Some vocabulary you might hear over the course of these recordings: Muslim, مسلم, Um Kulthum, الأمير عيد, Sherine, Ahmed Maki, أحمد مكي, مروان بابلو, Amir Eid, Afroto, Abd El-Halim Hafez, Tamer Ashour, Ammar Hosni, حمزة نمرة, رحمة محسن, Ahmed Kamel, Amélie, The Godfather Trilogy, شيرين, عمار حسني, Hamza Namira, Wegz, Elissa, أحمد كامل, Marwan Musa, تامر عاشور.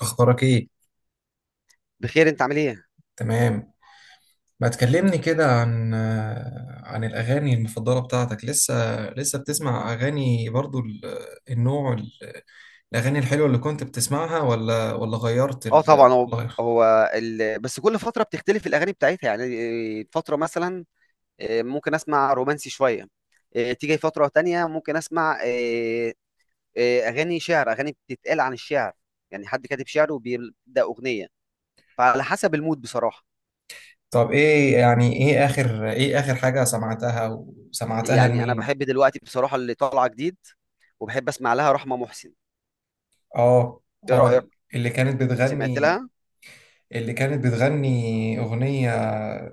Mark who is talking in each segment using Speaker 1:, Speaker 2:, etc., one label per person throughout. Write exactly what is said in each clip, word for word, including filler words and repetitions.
Speaker 1: اخبارك ايه؟
Speaker 2: بخير، انت عامل ايه؟
Speaker 1: تمام. ما تكلمني كده عن آه، عن الاغاني المفضله بتاعتك. لسه لسه بتسمع اغاني برضو ال- النوع ال- الاغاني الحلوه اللي كنت بتسمعها ولا ولا غيرت
Speaker 2: اه
Speaker 1: ال-
Speaker 2: طبعا. هو
Speaker 1: الغير؟
Speaker 2: هو ال... بس كل فتره بتختلف الاغاني بتاعتها. يعني إيه، فتره مثلا إيه، ممكن اسمع رومانسي شويه. إيه، تيجي فتره تانية ممكن اسمع إيه، إيه، اغاني شعر، اغاني بتتقال عن الشعر. يعني حد كاتب شعر وبيبدا اغنيه، فعلى حسب المود بصراحه.
Speaker 1: طب ايه يعني ايه اخر ايه اخر حاجه سمعتها وسمعتها
Speaker 2: يعني انا
Speaker 1: لمين؟
Speaker 2: بحب دلوقتي بصراحه اللي طالعه جديد، وبحب اسمع لها رحمه محسن.
Speaker 1: اه،
Speaker 2: ايه رايك؟
Speaker 1: اه، اللي كانت
Speaker 2: سمعت
Speaker 1: بتغني
Speaker 2: لها؟
Speaker 1: اللي كانت بتغني اغنيه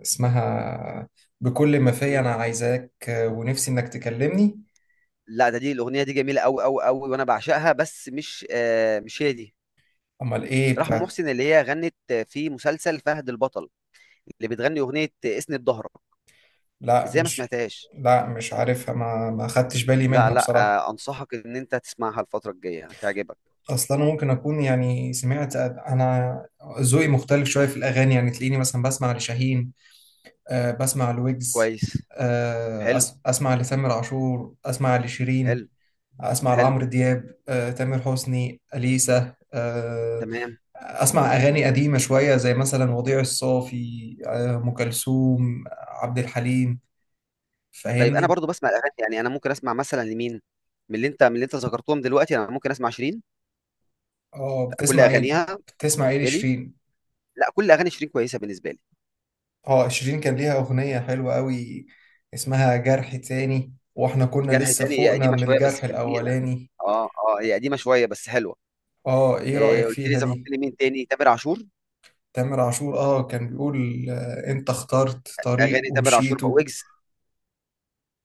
Speaker 1: اسمها بكل ما فيا
Speaker 2: مم.
Speaker 1: انا عايزاك ونفسي انك تكلمني.
Speaker 2: لا ده دي الاغنيه دي جميله قوي قوي قوي وانا بعشقها، بس مش آه مش هي دي.
Speaker 1: امال ايه
Speaker 2: رحمة
Speaker 1: بتاعت؟
Speaker 2: محسن اللي هي غنت في مسلسل فهد البطل، اللي بتغني أغنية اسند ظهرك.
Speaker 1: لا
Speaker 2: ازاي ما
Speaker 1: مش
Speaker 2: سمعتهاش؟
Speaker 1: لا، مش عارفها، ما ما خدتش بالي
Speaker 2: لا
Speaker 1: منها
Speaker 2: لا.
Speaker 1: بصراحة.
Speaker 2: آه، أنصحك إن أنت تسمعها الفترة الجاية، هتعجبك.
Speaker 1: اصلا انا ممكن اكون يعني سمعت. انا ذوقي مختلف شوية في الاغاني، يعني تلاقيني مثلا بسمع لشاهين، أه بسمع لويجز،
Speaker 2: كويس.
Speaker 1: أه
Speaker 2: حلو.
Speaker 1: أس- اسمع لتامر عاشور، اسمع لشيرين،
Speaker 2: حلو
Speaker 1: اسمع
Speaker 2: حلو.
Speaker 1: لعمرو دياب، أه تامر حسني، اليسا، أه
Speaker 2: تمام.
Speaker 1: اسمع اغاني قديمة شوية زي مثلا وضيع الصافي، أه ام كلثوم، عبد الحليم.
Speaker 2: طيب أنا
Speaker 1: فاهمني؟
Speaker 2: برضو بسمع الأغاني. يعني أنا ممكن أسمع مثلا لمين من اللي أنت من اللي أنت ذكرتهم دلوقتي؟ أنا ممكن أسمع شيرين،
Speaker 1: اه،
Speaker 2: كل
Speaker 1: بتسمع ايه
Speaker 2: أغانيها
Speaker 1: بتسمع ايه
Speaker 2: بالنسبة لي.
Speaker 1: لشيرين؟
Speaker 2: لا كل أغاني شيرين كويسة بالنسبة لي.
Speaker 1: اه، شيرين كان ليها اغنية حلوة قوي اسمها جرح تاني، واحنا كنا
Speaker 2: جرح
Speaker 1: لسه
Speaker 2: تاني هي
Speaker 1: فوقنا
Speaker 2: قديمة
Speaker 1: من
Speaker 2: شوية بس
Speaker 1: الجرح
Speaker 2: جميلة.
Speaker 1: الاولاني.
Speaker 2: اه اه هي قديمة شوية بس حلوة.
Speaker 1: اه، ايه
Speaker 2: إيه
Speaker 1: رأيك
Speaker 2: قلت لي
Speaker 1: فيها
Speaker 2: ذكرت
Speaker 1: دي؟
Speaker 2: لي مين تاني؟ تامر عاشور.
Speaker 1: تامر عاشور، اه كان بيقول آه، انت اخترت طريق
Speaker 2: أغاني تامر عاشور، بقى
Speaker 1: ومشيته.
Speaker 2: ويجز.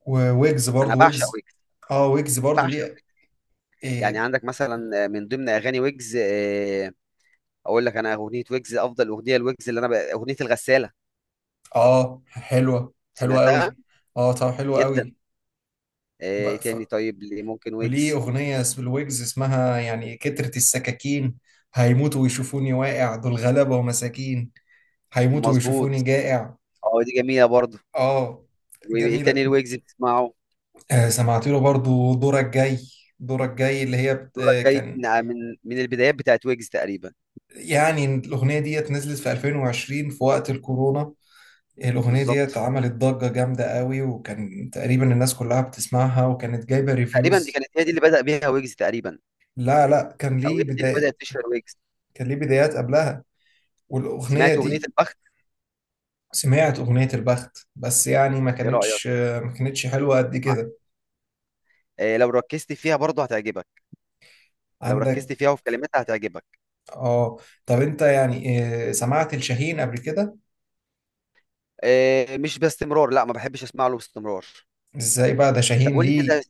Speaker 1: وويجز،
Speaker 2: انا
Speaker 1: برضو
Speaker 2: بعشق
Speaker 1: ويجز.
Speaker 2: ويجز،
Speaker 1: اه، ويجز برضو
Speaker 2: بعشق
Speaker 1: ليه؟
Speaker 2: ويجز. يعني
Speaker 1: إيه.
Speaker 2: عندك مثلا من ضمن اغاني ويجز، آه، اقول لك انا اغنيه ويجز، افضل اغنيه لويجز اللي انا ب... اغنيه الغساله.
Speaker 1: اه، حلوة، حلوة
Speaker 2: سمعتها؟
Speaker 1: قوي. اه طب، حلوة
Speaker 2: جدا. آه، ايه
Speaker 1: قوي.
Speaker 2: تاني طيب اللي ممكن
Speaker 1: وليه
Speaker 2: ويجز؟
Speaker 1: أغنية س- الويجز اسمها يعني كترة السكاكين، هيموتوا ويشوفوني واقع دول غلابة ومساكين، هيموتوا
Speaker 2: مظبوط.
Speaker 1: ويشوفوني جائع.
Speaker 2: اه دي جميله برضه.
Speaker 1: اه،
Speaker 2: وايه تاني
Speaker 1: جميلة.
Speaker 2: الويجز بتسمعه؟
Speaker 1: آه، سمعت له برضو دورك جاي، دورك جاي اللي هي بت...
Speaker 2: دورك
Speaker 1: آه،
Speaker 2: جاي
Speaker 1: كان
Speaker 2: من من من البدايات بتاعت ويجز تقريبا.
Speaker 1: يعني الأغنية ديت نزلت في ألفين وعشرين في وقت الكورونا، الأغنية ديت
Speaker 2: بالظبط.
Speaker 1: عملت ضجة جامدة قوي، وكان تقريبا الناس كلها بتسمعها وكانت جايبة
Speaker 2: تقريبا دي
Speaker 1: ريفيوز.
Speaker 2: كانت هي دي اللي بدأ بيها ويجز تقريبا،
Speaker 1: لا، لا، كان
Speaker 2: او هي
Speaker 1: ليه
Speaker 2: دي اللي
Speaker 1: بداية،
Speaker 2: بدأت تشهر ويجز.
Speaker 1: كان ليه بدايات قبلها. والأغنية
Speaker 2: سمعت اغنيه
Speaker 1: دي
Speaker 2: البخت؟
Speaker 1: سمعت أغنية البخت، بس يعني ما
Speaker 2: ايه رأيك؟
Speaker 1: كانتش ما كانتش حلوة قد
Speaker 2: مع-
Speaker 1: كده.
Speaker 2: آه، لو ركزت فيها برضه هتعجبك. لو ركزت
Speaker 1: عندك.
Speaker 2: فيها وفي كلماتها هتعجبك.
Speaker 1: اه طب انت يعني آه، سمعت الشاهين قبل كده؟
Speaker 2: آه، مش باستمرار. لا ما بحبش اسمع له باستمرار.
Speaker 1: ازاي بقى ده؟
Speaker 2: طب
Speaker 1: شاهين
Speaker 2: قول لي
Speaker 1: ليه،
Speaker 2: كده.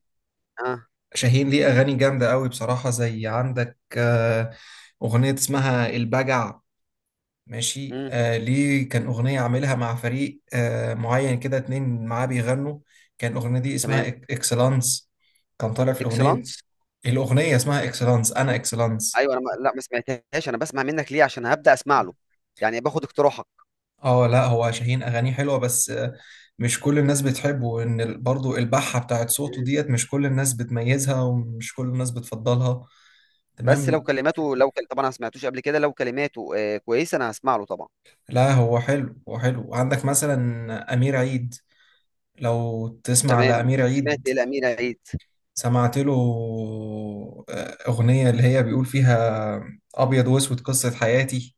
Speaker 2: اه.
Speaker 1: شاهين ليه أغاني جامدة قوي بصراحة، زي عندك آه، أغنية اسمها البجع. ماشي.
Speaker 2: امم.
Speaker 1: آه ليه كان أغنية عاملها مع فريق آه معين كده، اتنين معاه بيغنوا، كان الأغنية دي اسمها
Speaker 2: تمام.
Speaker 1: إك- إكسلانس، كان طالع في الأغنية،
Speaker 2: اكسلانس.
Speaker 1: الأغنية اسمها إكسلانس، أنا إكسلانس.
Speaker 2: ايوه انا ما... لا ما سمعتهاش. انا بسمع منك ليه، عشان هبدا اسمع له. يعني باخد اقتراحك.
Speaker 1: اه لا، هو شاهين اغانيه حلوه، بس آه، مش كل الناس بتحبه، ان ال- برضو البحه بتاعت صوته
Speaker 2: مم.
Speaker 1: ديت مش كل الناس بتميزها، ومش كل الناس بتفضلها.
Speaker 2: بس لو
Speaker 1: تمام.
Speaker 2: كلماته لو كل... طبعا انا ما سمعتوش قبل كده، لو كلماته آه كويسه انا هسمع له طبعا.
Speaker 1: لا هو حلو، هو حلو. عندك مثلا امير عيد، لو تسمع
Speaker 2: تمام
Speaker 1: لامير
Speaker 2: سمعت
Speaker 1: عيد.
Speaker 2: الامير عيد.
Speaker 1: سمعت له آه، اغنيه اللي هي بيقول فيها ابيض واسود قصه حياتي،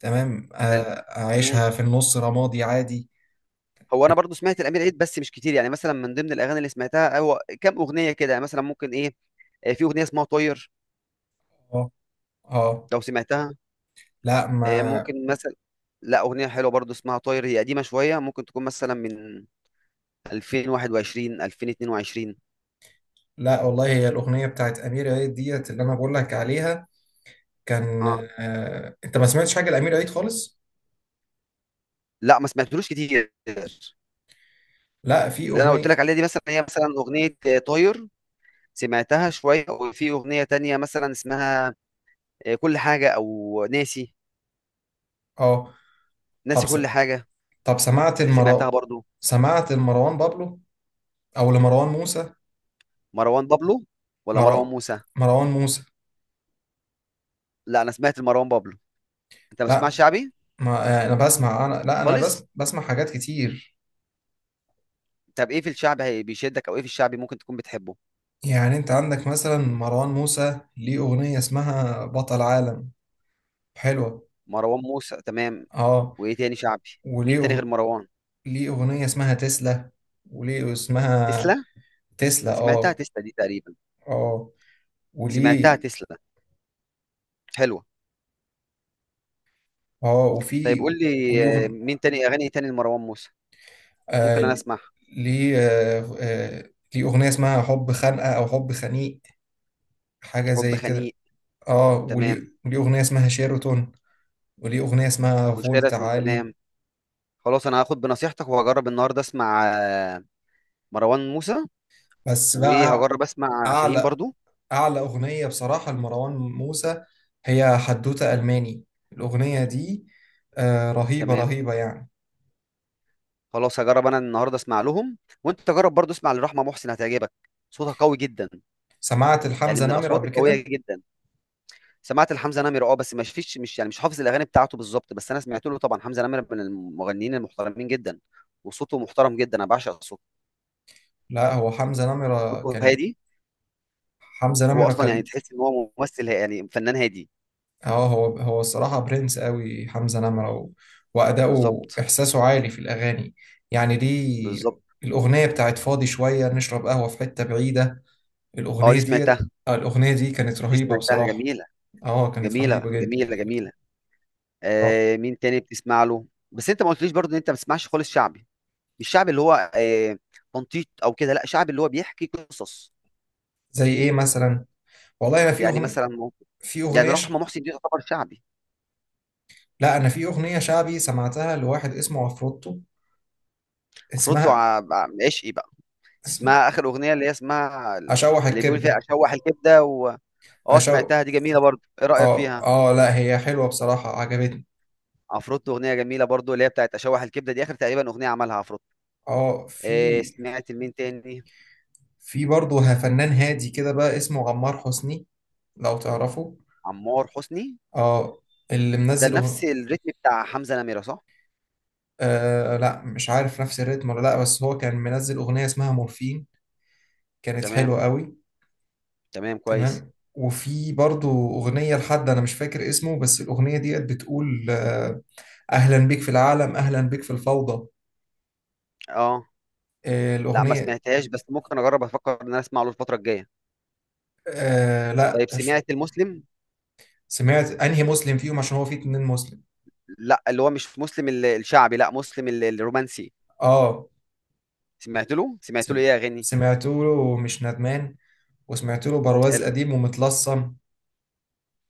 Speaker 1: تمام، آه،
Speaker 2: حلو. مم.
Speaker 1: اعيشها في النص رمادي عادي.
Speaker 2: هو انا برضو سمعت الامير عيد بس مش كتير. يعني مثلا من ضمن الاغاني اللي سمعتها هو كام اغنيه كده، يعني مثلا ممكن ايه. آه، في اغنيه اسمها طاير،
Speaker 1: اه، اه.
Speaker 2: لو سمعتها.
Speaker 1: لا
Speaker 2: آه،
Speaker 1: ما
Speaker 2: ممكن مثلا، لا أغنية حلوة برضو اسمها طاير، هي قديمة شوية ممكن تكون مثلا من ألفين وواحد وعشرين ألفين واتنين وعشرين.
Speaker 1: لا والله، هي الأغنية بتاعت أمير عيد ديت اللي أنا بقول لك عليها. كان
Speaker 2: اه
Speaker 1: آه... أنت ما سمعتش حاجة لأمير عيد خالص؟
Speaker 2: لا ما سمعتلوش كتير.
Speaker 1: لا، في
Speaker 2: اللي انا قلت
Speaker 1: أغنية.
Speaker 2: لك عليها دي مثلا هي مثلا أغنية آه، طاير، سمعتها شوية. وفي أغنية تانية مثلا اسمها آه، كل حاجة أو ناسي،
Speaker 1: أه. طب
Speaker 2: ناسي
Speaker 1: س...
Speaker 2: كل حاجة.
Speaker 1: طب سمعت
Speaker 2: سمعتها
Speaker 1: المرا
Speaker 2: برضو.
Speaker 1: سمعت لمروان بابلو أو لمروان موسى.
Speaker 2: مروان بابلو ولا مروان
Speaker 1: مرا...
Speaker 2: موسى؟
Speaker 1: مروان موسى.
Speaker 2: لا أنا سمعت مروان بابلو. أنت ما بتسمعش
Speaker 1: لا.
Speaker 2: شعبي
Speaker 1: ما... آه... أنا بسمع أنا لا أنا بس...
Speaker 2: خالص؟
Speaker 1: بسمع حاجات كتير.
Speaker 2: طب إيه في الشعب هي- بيشدك؟ أو إيه في الشعبي ممكن تكون بتحبه؟
Speaker 1: يعني أنت عندك مثلا مروان موسى ليه أغنية اسمها بطل عالم، حلوة.
Speaker 2: مروان موسى تمام.
Speaker 1: أه.
Speaker 2: وايه تاني شعبي؟
Speaker 1: وليه
Speaker 2: مين تاني غير
Speaker 1: أغ...
Speaker 2: مروان؟
Speaker 1: ليه أغنية اسمها تسلا، وليه اسمها
Speaker 2: تسلا.
Speaker 1: تسلا.
Speaker 2: سمعتها،
Speaker 1: اه،
Speaker 2: تسلا دي تقريبا
Speaker 1: اه.
Speaker 2: سمعتها.
Speaker 1: وليه
Speaker 2: تسلا حلوة.
Speaker 1: اه
Speaker 2: طيب
Speaker 1: وفي
Speaker 2: قول لي.
Speaker 1: وليه
Speaker 2: آه،
Speaker 1: أغن...
Speaker 2: مين تاني اغاني، إيه تاني لمروان موسى ممكن
Speaker 1: آه
Speaker 2: انا اسمع؟
Speaker 1: ليه آه آه ليه أغنية اسمها حب خانقة أو حب خنيق، حاجة
Speaker 2: حب
Speaker 1: زي كده.
Speaker 2: خنيق
Speaker 1: اه، وليه
Speaker 2: تمام.
Speaker 1: وليه أغنية اسمها شيراتون، وليه أغنية اسمها فولت
Speaker 2: وشيراتون
Speaker 1: عالي.
Speaker 2: تمام. خلاص انا هاخد بنصيحتك وهجرب النهارده اسمع آه، مروان موسى،
Speaker 1: بس بقى،
Speaker 2: وهجرب اسمع شاهين
Speaker 1: أعلى
Speaker 2: برضو.
Speaker 1: أعلى أغنية بصراحة لمروان موسى هي حدوتة ألماني. الأغنية دي آه، رهيبة،
Speaker 2: تمام
Speaker 1: رهيبة يعني.
Speaker 2: خلاص هجرب انا النهارده اسمع لهم. وانت تجرب برضو اسمع لرحمة محسن، هتعجبك. صوتها قوي جدا،
Speaker 1: سمعت
Speaker 2: يعني
Speaker 1: الحمزة
Speaker 2: من
Speaker 1: نمرة
Speaker 2: الاصوات
Speaker 1: قبل
Speaker 2: القوية
Speaker 1: كده؟
Speaker 2: جدا. سمعت لحمزة نمرة اه، بس مش فيش مش يعني مش حافظ الاغاني بتاعته بالظبط، بس انا سمعت له طبعا. حمزة نمرة من المغنيين المحترمين جدا، وصوته محترم جدا، انا بعشق صوته.
Speaker 1: لا، هو حمزة نمرة
Speaker 2: صوته
Speaker 1: كان،
Speaker 2: هادي.
Speaker 1: حمزة
Speaker 2: هو
Speaker 1: نمرة
Speaker 2: اصلا يعني
Speaker 1: كان
Speaker 2: تحس ان هو ممثل ها- يعني فنان هادي.
Speaker 1: اه هو، هو الصراحة برنس قوي حمزة نمرة، و... وأداؤه،
Speaker 2: بالظبط
Speaker 1: إحساسه عالي في الأغاني. يعني دي
Speaker 2: بالظبط.
Speaker 1: الأغنية بتاعت فاضي شوية نشرب قهوة في حتة بعيدة،
Speaker 2: اه دي
Speaker 1: الأغنية دي
Speaker 2: سمعتها،
Speaker 1: آه، الأغنية دي كانت
Speaker 2: دي
Speaker 1: رهيبة
Speaker 2: سمعتها
Speaker 1: بصراحة.
Speaker 2: جميلة.
Speaker 1: اه، كانت
Speaker 2: جميلة
Speaker 1: رهيبة جدا.
Speaker 2: جميلة جميلة.
Speaker 1: اه،
Speaker 2: آه مين تاني بتسمع له؟ بس انت ما قلتليش برضه ان انت ما بتسمعش خالص شعبي؟ مش شعبي اللي هو آه تنطيط او كده، لا شعبي اللي هو بيحكي قصص.
Speaker 1: زي إيه مثلا؟ والله، أنا في
Speaker 2: يعني
Speaker 1: أغن...
Speaker 2: مثلا مو-
Speaker 1: في
Speaker 2: يعني
Speaker 1: أغنية
Speaker 2: رحمة
Speaker 1: ش...
Speaker 2: محسن دي تعتبر شعبي؟
Speaker 1: لا أنا في أغنية شعبي سمعتها لواحد اسمه عفروتو،
Speaker 2: افرطه
Speaker 1: اسمها،
Speaker 2: ع- ع- عشقي بقى.
Speaker 1: اسم...
Speaker 2: اسمها اخر اغنيه اللي هي اسمها ال-
Speaker 1: أشوح
Speaker 2: اللي بيقول فيها
Speaker 1: الكبدة.
Speaker 2: اشوح الكبده و... اه
Speaker 1: أشو
Speaker 2: سمعتها، دي جميله برضو. ايه رايك
Speaker 1: اه،
Speaker 2: فيها؟
Speaker 1: اه، لا هي حلوة بصراحة، عجبتني.
Speaker 2: عفروتو اغنيه جميله برضو، اللي هي بتاعت اشوح الكبده، دي اخر تقريبا اغنيه عملها عفروتو.
Speaker 1: اه،
Speaker 2: إيه
Speaker 1: في
Speaker 2: سمعت لمين تاني؟
Speaker 1: في برضه فنان هادي كده بقى، اسمه عمار حسني، لو تعرفه.
Speaker 2: عمار حسني،
Speaker 1: اه، اللي
Speaker 2: ده
Speaker 1: منزل أغ...
Speaker 2: نفس الريتم بتاع حمزه نميره صح؟
Speaker 1: آه لا مش عارف نفس الريتم ولا لا، بس هو كان منزل أغنية اسمها مورفين، كانت
Speaker 2: تمام
Speaker 1: حلوة قوي.
Speaker 2: تمام كويس.
Speaker 1: تمام. وفي برضه أغنية لحد أنا مش فاكر اسمه، بس الأغنية ديت بتقول آه، أهلا بيك في العالم، أهلا بيك في الفوضى.
Speaker 2: اه
Speaker 1: آه
Speaker 2: لا ما
Speaker 1: الأغنية
Speaker 2: سمعتهاش، بس ممكن اجرب افكر ان انا اسمع له الفتره الجايه
Speaker 1: آه لا
Speaker 2: طيب
Speaker 1: ش-
Speaker 2: سمعت المسلم؟
Speaker 1: سمعت أنهي مسلم فيهم، عشان هو فيه اتنين مسلم.
Speaker 2: لا اللي هو مش مسلم ال- الشعبي، لا مسلم ال- الرومانسي.
Speaker 1: اه.
Speaker 2: سمعت له. سمعت له
Speaker 1: سم-
Speaker 2: ايه يا غني.
Speaker 1: سمعت له ومش ندمان، وسمعت له برواز
Speaker 2: حلو.
Speaker 1: قديم ومتلصم،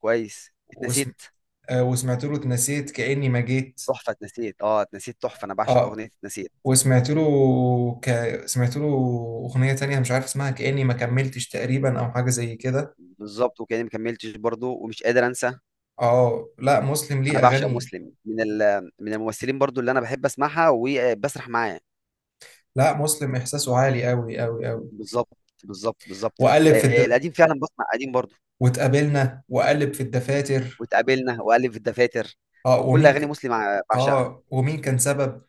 Speaker 2: كويس.
Speaker 1: وسم...
Speaker 2: اتنسيت
Speaker 1: آه، وسمعت له اتنسيت كأني ما جيت.
Speaker 2: تحفه. اتنسيت اه، اتنسيت تحفه، انا بعشق
Speaker 1: اه،
Speaker 2: اغنيه اتنسيت.
Speaker 1: وسمعت له، ك... سمعت له أغنية تانية مش عارف اسمها كأني ما كملتش تقريبا، أو حاجة زي كده.
Speaker 2: بالظبط. وكاني ما كملتش برضو، ومش قادر انسى.
Speaker 1: اه، لا مسلم ليه
Speaker 2: انا بعشق
Speaker 1: أغاني.
Speaker 2: مسلم من ال... من الممثلين برضو اللي انا بحب اسمعها وبسرح معاه.
Speaker 1: لا، مسلم إحساسه عالي أوي، أوي، أوي.
Speaker 2: بالظبط بالظبط بالظبط.
Speaker 1: وقلب في
Speaker 2: آه
Speaker 1: الد...
Speaker 2: القديم فعلا، بسمع قديم برضو.
Speaker 1: واتقابلنا وقلب في الدفاتر.
Speaker 2: واتقابلنا والف الدفاتر.
Speaker 1: اه،
Speaker 2: كل
Speaker 1: ومين
Speaker 2: اغاني
Speaker 1: ك...
Speaker 2: مسلم ع- بعشقها.
Speaker 1: اه ومين كان سبب.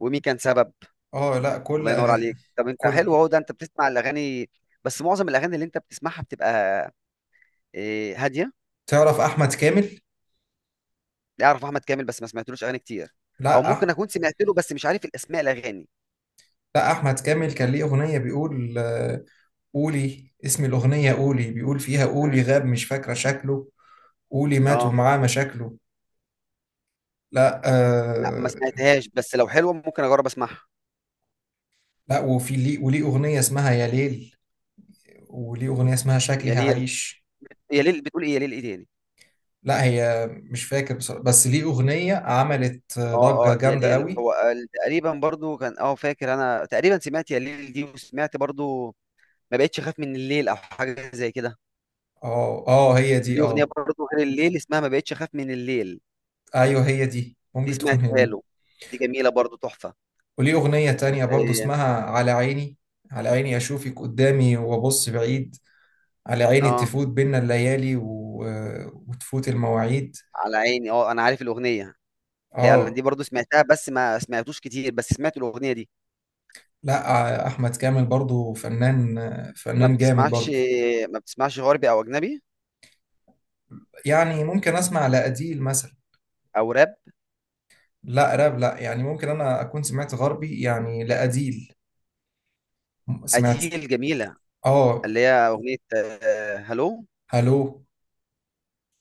Speaker 2: ومين كان سبب.
Speaker 1: اه، لا. كل
Speaker 2: الله ينور
Speaker 1: أغ...
Speaker 2: عليك. طب انت
Speaker 1: كل
Speaker 2: حلو اهو، ده انت بتسمع الاغاني. بس معظم الاغاني اللي انت بتسمعها بتبقى آه، هاديه.
Speaker 1: تعرف أحمد كامل؟
Speaker 2: اعرف احمد كامل بس ما سمعتلوش اغاني كتير، او
Speaker 1: لا
Speaker 2: ممكن
Speaker 1: أح...
Speaker 2: اكون سمعت له بس مش عارف الاسماء الاغاني.
Speaker 1: لا احمد كامل كان ليه اغنيه بيقول آه، قولي اسم الاغنيه، قولي بيقول فيها قولي
Speaker 2: مم.
Speaker 1: غاب مش فاكره شكله، قولي مات
Speaker 2: اه
Speaker 1: ومعاه مشاكله. لا.
Speaker 2: لا ما
Speaker 1: آه
Speaker 2: سمعتهاش، بس لو حلوه ممكن اجرب اسمعها.
Speaker 1: لا، وفي ليه، وليه اغنيه اسمها يا ليل، وليه اغنيه اسمها شكلي
Speaker 2: يا ليل،
Speaker 1: هعيش.
Speaker 2: يا ليل بتقول ايه؟ يا ليل ايه تاني؟
Speaker 1: لا، هي مش فاكر بصراحة، بس ليه اغنيه عملت
Speaker 2: اه
Speaker 1: ضجه
Speaker 2: اه يا
Speaker 1: جامده
Speaker 2: ليل،
Speaker 1: قوي.
Speaker 2: هو قال- تقريبا برضو كان اه، فاكر انا تقريبا سمعت يا ليل دي، وسمعت برضو ما بقتش اخاف من الليل او حاجه زي كده.
Speaker 1: اه، اه، هي دي،
Speaker 2: ليه اغنيه
Speaker 1: اه.
Speaker 2: برضو غير الليل اسمها ما بقتش اخاف من الليل،
Speaker 1: ايوه، هي دي،
Speaker 2: دي
Speaker 1: ممكن تكون هي
Speaker 2: سمعتها
Speaker 1: دي.
Speaker 2: له. دي جميله برضو تحفه.
Speaker 1: وليه أغنية تانية برضو
Speaker 2: إيه،
Speaker 1: اسمها على عيني، على عيني أشوفك قدامي وأبص بعيد، على عيني
Speaker 2: اه
Speaker 1: تفوت بينا الليالي و... وتفوت المواعيد.
Speaker 2: على عيني، اه انا عارف الاغنيه. فعلا دي
Speaker 1: اه.
Speaker 2: برضو سمعتها بس ما سمعتوش كتير، بس سمعت الأغنية دي.
Speaker 1: لا أحمد كامل برضو فنان،
Speaker 2: ما
Speaker 1: فنان جامد
Speaker 2: بتسمعش،
Speaker 1: برضو.
Speaker 2: ما بتسمعش غربي أو أجنبي
Speaker 1: يعني ممكن أسمع لأديل مثلا.
Speaker 2: أو راب؟
Speaker 1: لا راب، لا، يعني ممكن أنا أكون سمعت غربي يعني لأديل. سمعت.
Speaker 2: أديل جميلة،
Speaker 1: اه،
Speaker 2: اللي هي أغنية آه، هلو.
Speaker 1: هلو،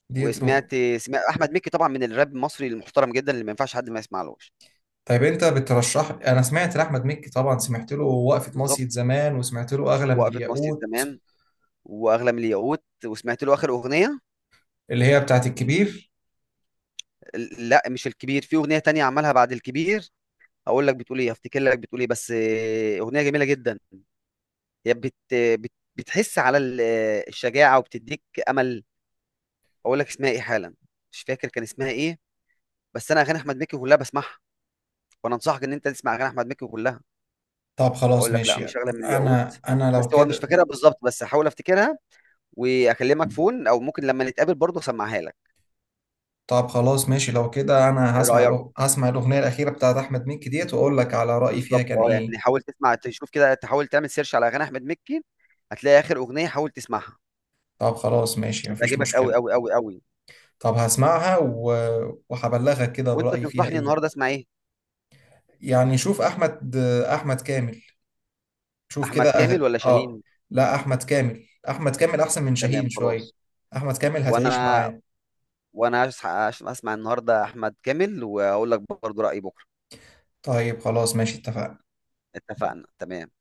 Speaker 1: ديت.
Speaker 2: وسمعت سمعت أحمد مكي طبعا، من الراب المصري المحترم جدا اللي ما ينفعش حد ما يسمعلوش.
Speaker 1: طيب انت بترشح، انا سمعت لاحمد مكي طبعا، سمعت له وقفه مصيد
Speaker 2: بالظبط،
Speaker 1: زمان، وسمعت له اغلى من
Speaker 2: وقفة مصري
Speaker 1: الياقوت
Speaker 2: زمان، وأغلى من الياقوت. وسمعت له آخر أغنية.
Speaker 1: اللي هي بتاعت الكبير.
Speaker 2: لا مش الكبير، في أغنية تانية عملها بعد الكبير. هقول لك بتقول إيه، هفتكر لك بتقول إيه، بس آه، أغنية جميلة جدا. هي بت... بت... بتحس على ال- الشجاعه وبتديك امل. اقول لك اسمها ايه حالا، مش فاكر كان اسمها ايه. بس انا اغاني احمد مكي كلها بسمعها، وانا انصحك ان انت تسمع اغاني احمد مكي كلها.
Speaker 1: طب خلاص
Speaker 2: اقول لك، لا
Speaker 1: ماشي.
Speaker 2: مش اغلى من الياقوت.
Speaker 1: انا انا لو
Speaker 2: بس هو مش
Speaker 1: كده،
Speaker 2: فاكرها بالظبط، بس هحاول افتكرها واكلمك فون، او ممكن لما نتقابل برضه اسمعها لك.
Speaker 1: طب خلاص ماشي، لو كده انا
Speaker 2: ايه
Speaker 1: هسمع
Speaker 2: رايك؟
Speaker 1: الأغ... هسمع الاغنيه الاخيره بتاعت احمد مكي ديت، واقول لك على رايي فيها
Speaker 2: بالظبط
Speaker 1: كان
Speaker 2: اه.
Speaker 1: ايه.
Speaker 2: يعني حاول تسمع، تشوف كده، تحاول تعمل سيرش على اغاني احمد مكي، هتلاقي اخر اغنيه حاول تسمعها.
Speaker 1: طب خلاص ماشي، مفيش
Speaker 2: هتعجبك قوي
Speaker 1: مشكله.
Speaker 2: قوي قوي قوي.
Speaker 1: طب هسمعها و... وهبلغك كده
Speaker 2: وانت
Speaker 1: برايي فيها
Speaker 2: تنصحني
Speaker 1: ايه.
Speaker 2: النهارده اسمع ايه؟
Speaker 1: يعني شوف احمد، احمد كامل، شوف
Speaker 2: احمد
Speaker 1: كده أغ...
Speaker 2: كامل ولا
Speaker 1: اه
Speaker 2: شاهين؟
Speaker 1: لا، احمد كامل، احمد كامل احسن من
Speaker 2: تمام
Speaker 1: شاهين شويه،
Speaker 2: خلاص.
Speaker 1: احمد كامل هتعيش
Speaker 2: وانا
Speaker 1: معاه.
Speaker 2: وانا هس- هس- هسمع النهارده احمد كامل واقول لك برضو رايي بكره.
Speaker 1: طيب خلاص ماشي، اتفقنا.
Speaker 2: اتفقنا تمام.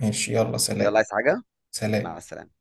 Speaker 1: ماشي، يلا،
Speaker 2: يلا،
Speaker 1: سلام.
Speaker 2: عايز حاجه؟ مع
Speaker 1: سلام.
Speaker 2: السلامه.